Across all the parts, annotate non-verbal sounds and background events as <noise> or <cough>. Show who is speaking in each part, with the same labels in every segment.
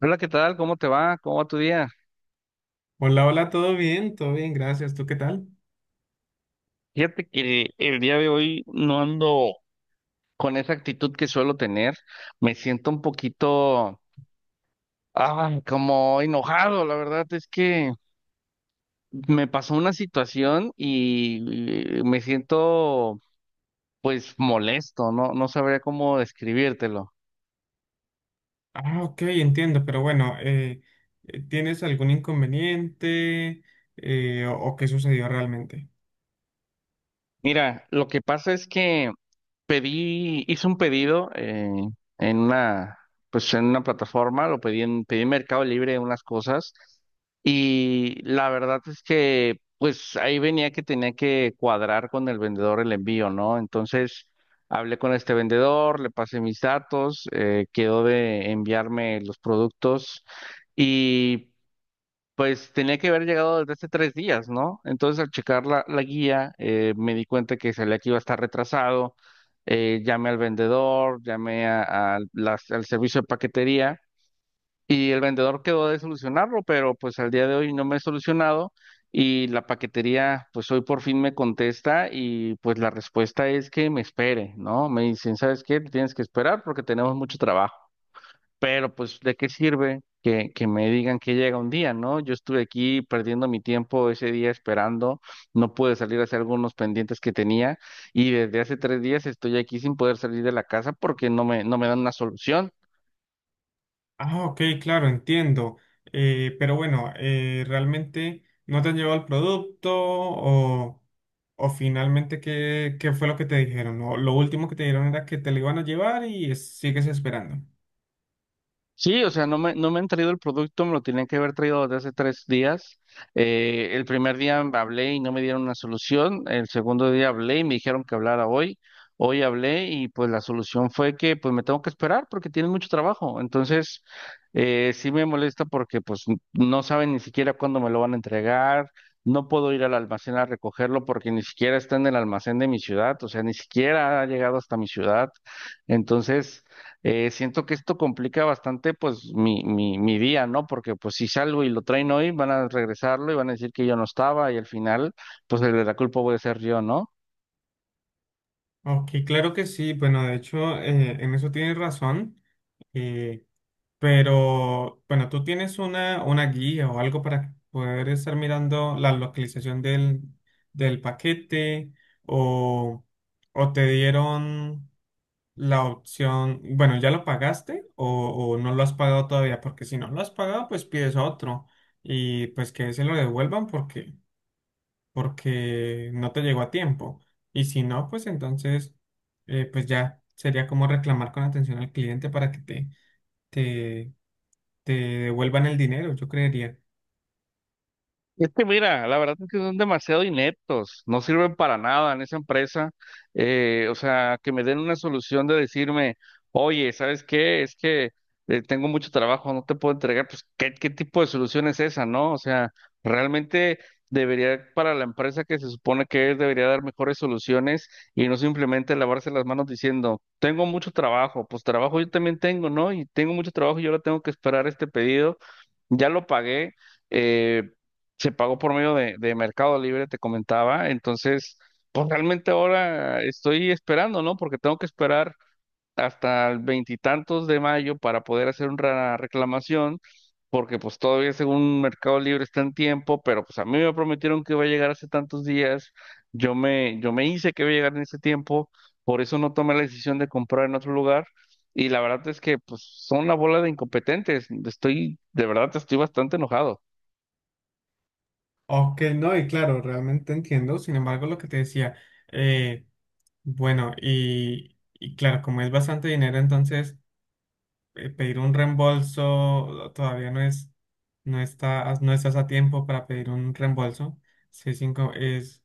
Speaker 1: Hola, ¿qué tal? ¿Cómo te va? ¿Cómo va tu día?
Speaker 2: Hola, hola, ¿todo bien? Todo bien, gracias. ¿Tú qué tal?
Speaker 1: Fíjate que el día de hoy no ando con esa actitud que suelo tener. Me siento un poquito, ah, como enojado. La verdad es que me pasó una situación y me siento, pues, molesto. No, no sabría cómo describírtelo.
Speaker 2: Ah, ok, entiendo, pero bueno, ¿tienes algún inconveniente o qué sucedió realmente?
Speaker 1: Mira, lo que pasa es que hice un pedido en una, pues en una plataforma, pedí en Mercado Libre unas cosas y la verdad es que pues ahí venía que tenía que cuadrar con el vendedor el envío, ¿no? Entonces hablé con este vendedor, le pasé mis datos, quedó de enviarme los productos y... Pues tenía que haber llegado desde hace 3 días, ¿no? Entonces al checar la guía me di cuenta que salía que iba a estar retrasado. Llamé al vendedor, llamé a las- al servicio de paquetería y el vendedor quedó de solucionarlo, pero pues al día de hoy no me he solucionado y la paquetería pues hoy por fin me contesta y pues la respuesta es que me espere, ¿no? Me dicen, ¿sabes qué? Tienes que esperar porque tenemos mucho trabajo. Pero pues, ¿de qué sirve que me digan que llega un día, ¿no? Yo estuve aquí perdiendo mi tiempo ese día esperando, no pude salir a hacer algunos pendientes que tenía y desde hace 3 días estoy aquí sin poder salir de la casa porque no me dan una solución.
Speaker 2: Ah, ok, claro, entiendo. Pero bueno, ¿realmente no te han llevado el producto o finalmente qué fue lo que te dijeron? O lo último que te dijeron era que te lo iban a llevar y sigues esperando.
Speaker 1: Sí, o sea, no me han traído el producto, me lo tenían que haber traído desde hace 3 días. El primer día hablé y no me dieron una solución. El segundo día hablé y me dijeron que hablara hoy. Hoy hablé y pues la solución fue que pues me tengo que esperar porque tienen mucho trabajo. Entonces, sí me molesta porque pues no saben ni siquiera cuándo me lo van a entregar. No puedo ir al almacén a recogerlo porque ni siquiera está en el almacén de mi ciudad, o sea, ni siquiera ha llegado hasta mi ciudad. Entonces siento que esto complica bastante pues mi día, ¿no? Porque pues si salgo y lo traen hoy, van a regresarlo y van a decir que yo no estaba y al final pues el de la culpa voy a ser yo, ¿no?
Speaker 2: Ok, claro que sí. Bueno, de hecho, en eso tienes razón. Eh, Pero bueno, tú tienes una guía o algo para poder estar mirando la localización del paquete o, o te dieron la opción, bueno, ¿ya lo pagaste o no lo has pagado todavía? Porque si no lo has pagado, pues pides otro y pues que se lo devuelvan porque no te llegó a tiempo. Y si no, pues entonces, pues ya sería como reclamar con atención al cliente para que te, te devuelvan el dinero, yo creería.
Speaker 1: Es que mira, la verdad es que son demasiado ineptos, no sirven para nada en esa empresa. O sea, que me den una solución de decirme, oye, ¿sabes qué? Es que tengo mucho trabajo, no te puedo entregar. Pues, ¿qué, qué tipo de solución es esa, no? O sea, realmente debería, para la empresa que se supone que es, debería dar mejores soluciones y no simplemente lavarse las manos diciendo, tengo mucho trabajo, pues trabajo yo también tengo, ¿no? Y tengo mucho trabajo y ahora tengo que esperar este pedido, ya lo pagué. eh, se pagó por medio de Mercado Libre, te comentaba. Entonces, pues realmente ahora estoy esperando, ¿no? Porque tengo que esperar hasta el veintitantos de mayo para poder hacer una reclamación, porque pues todavía según Mercado Libre está en tiempo, pero pues a mí me prometieron que iba a llegar hace tantos días. Yo me hice que iba a llegar en ese tiempo, por eso no tomé la decisión de comprar en otro lugar. Y la verdad es que pues son una bola de incompetentes. Estoy, de verdad, estoy bastante enojado.
Speaker 2: Ok, no, y claro, realmente entiendo. Sin embargo, lo que te decía, eh, bueno, y claro, como es bastante dinero, entonces pedir un reembolso todavía no es, no está, no estás a tiempo para pedir un reembolso. Sí, es, es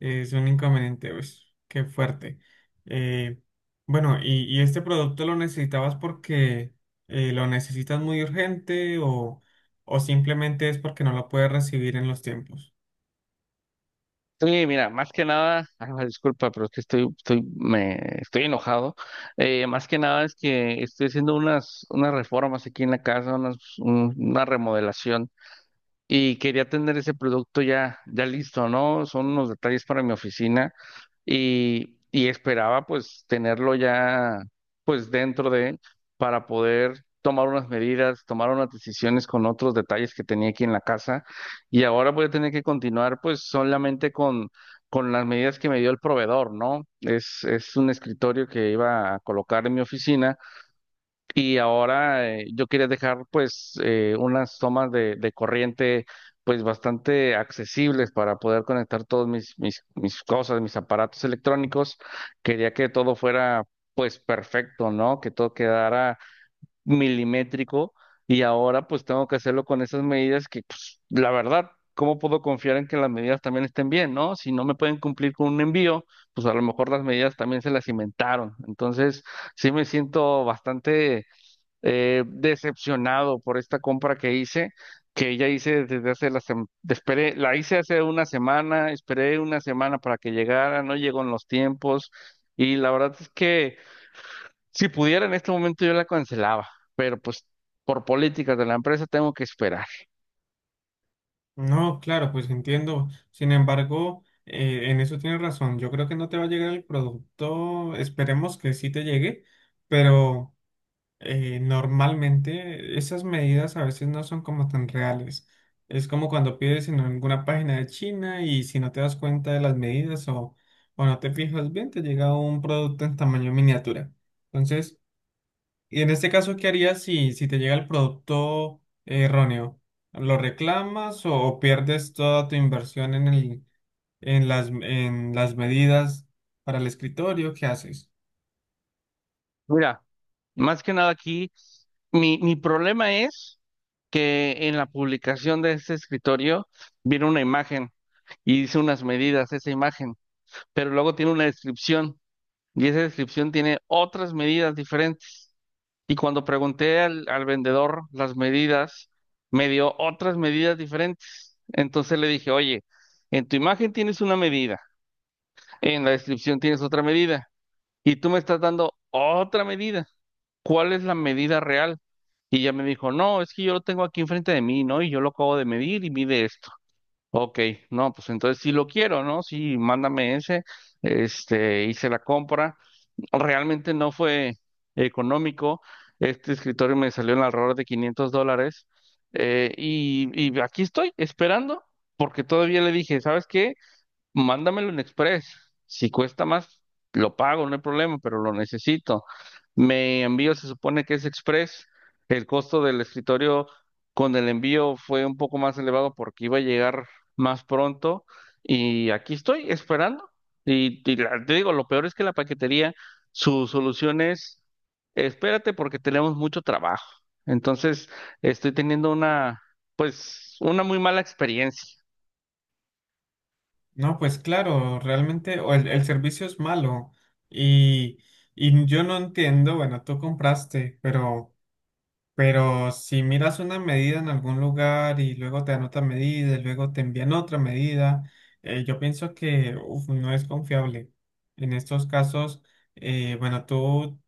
Speaker 2: es un inconveniente, pues, qué fuerte. Eh, bueno, y este producto lo necesitabas porque lo necesitas muy urgente o simplemente es porque no lo puedes recibir en los tiempos?
Speaker 1: Sí, mira, más que nada, <laughs> ay, disculpa, pero es que estoy enojado. Más que nada es que estoy haciendo unas, unas reformas aquí en la casa, una remodelación y quería tener ese producto ya, ya listo, ¿no? Son unos detalles para mi oficina y esperaba pues tenerlo ya pues dentro de él para poder tomar unas medidas, tomar unas decisiones con otros detalles que tenía aquí en la casa y ahora voy a tener que continuar pues solamente con las medidas que me dio el proveedor, ¿no? Es un escritorio que iba a colocar en mi oficina y ahora yo quería dejar pues unas tomas de corriente pues bastante accesibles para poder conectar todos mis, mis, mis cosas, mis aparatos electrónicos. Quería que todo fuera pues perfecto, ¿no? Que todo quedara milimétrico y ahora pues tengo que hacerlo con esas medidas que pues la verdad, ¿cómo puedo confiar en que las medidas también estén bien, ¿no? Si no me pueden cumplir con un envío, pues a lo mejor las medidas también se las inventaron. Entonces sí me siento bastante decepcionado por esta compra que hice, que ya hice desde hace esperé, la hice hace una semana, esperé una semana para que llegara, no llegó en los tiempos y la verdad es que si pudiera en este momento yo la cancelaba, pero pues por políticas de la empresa tengo que esperar.
Speaker 2: No, claro, pues entiendo. Sin embargo, en eso tienes razón. Yo creo que no te va a llegar el producto. Esperemos que sí te llegue, pero normalmente esas medidas a veces no son como tan reales. Es como cuando pides en alguna página de China y si no te das cuenta de las medidas o no te fijas bien, te llega un producto en tamaño miniatura. Entonces, y en este caso, ¿qué harías si te llega el producto erróneo? ¿Lo reclamas o pierdes toda tu inversión en las medidas para el escritorio? ¿Qué haces?
Speaker 1: Mira, más que nada aquí, mi problema es que en la publicación de este escritorio viene una imagen y dice unas medidas esa imagen, pero luego tiene una descripción. Y esa descripción tiene otras medidas diferentes. Y cuando pregunté al vendedor las medidas, me dio otras medidas diferentes. Entonces le dije, oye, en tu imagen tienes una medida, en la descripción tienes otra medida, y tú me estás dando otra medida. ¿Cuál es la medida real? Y ya me dijo, no, es que yo lo tengo aquí enfrente de mí, ¿no? Y yo lo acabo de medir y mide esto. Ok, no, pues entonces sí lo quiero, ¿no? Sí, mándame ese, este, hice la compra realmente no fue económico. Este escritorio me salió en alrededor de $500 y aquí estoy esperando porque todavía le dije, ¿sabes qué? Mándamelo en Express. Si cuesta más, lo pago, no hay problema, pero lo necesito. Me envío, se supone que es Express. El costo del escritorio con el envío fue un poco más elevado porque iba a llegar más pronto. Y aquí estoy esperando. Te digo, lo peor es que la paquetería, su solución es, espérate porque tenemos mucho trabajo. Entonces, estoy teniendo una, pues, una muy mala experiencia.
Speaker 2: No, pues claro, realmente o el servicio es malo y, y yo no entiendo, bueno, tú compraste, pero si miras una medida en algún lugar y luego te dan otra medida, y luego te envían otra medida, yo pienso que uf, no es confiable. En estos casos, bueno, tú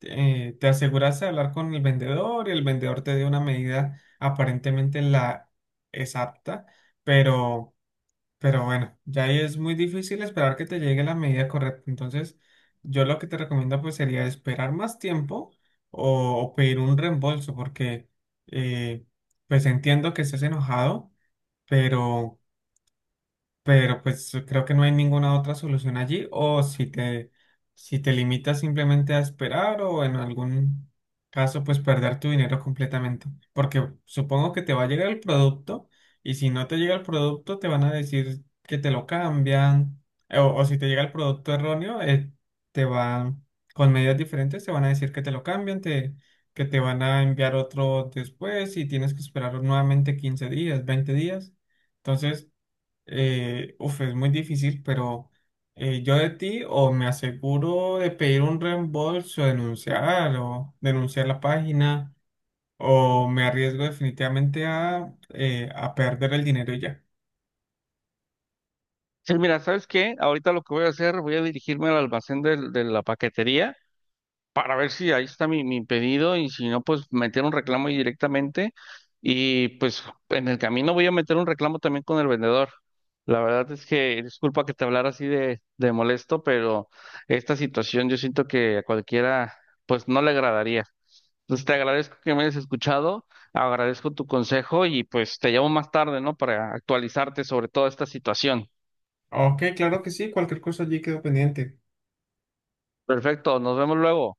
Speaker 2: eh, te aseguras de hablar con el vendedor y el vendedor te dio una medida aparentemente la exacta, pero... Pero bueno, ya ahí es muy difícil esperar que te llegue la medida correcta. Entonces, yo lo que te recomiendo pues sería esperar más tiempo o pedir un reembolso porque eh, pues entiendo que estés enojado, pero pero pues creo que no hay ninguna otra solución allí, o si si te limitas simplemente a esperar o en algún caso pues perder tu dinero completamente, porque supongo que te va a llegar el producto y si no te llega el producto te van a decir que te lo cambian, o si te llega el producto erróneo, te van, con medidas diferentes te van a decir que te lo cambian, que te van a enviar otro después y tienes que esperar nuevamente 15 días, 20 días. Entonces, uf, es muy difícil, pero yo de ti o me aseguro de pedir un reembolso, denunciar o denunciar la página, o me arriesgo definitivamente a perder el dinero y ya.
Speaker 1: Sí, mira, ¿sabes qué? Ahorita lo que voy a hacer, voy a dirigirme al almacén de la paquetería para ver si ahí está mi, mi pedido y si no, pues meter un reclamo ahí directamente y pues en el camino voy a meter un reclamo también con el vendedor. La verdad es que, disculpa que te hablara así de molesto, pero esta situación yo siento que a cualquiera pues no le agradaría. Entonces te agradezco que me hayas escuchado, agradezco tu consejo y pues te llamo más tarde, ¿no? Para actualizarte sobre toda esta situación.
Speaker 2: Ok, claro que sí, cualquier cosa allí quedo pendiente.
Speaker 1: Perfecto, nos vemos luego.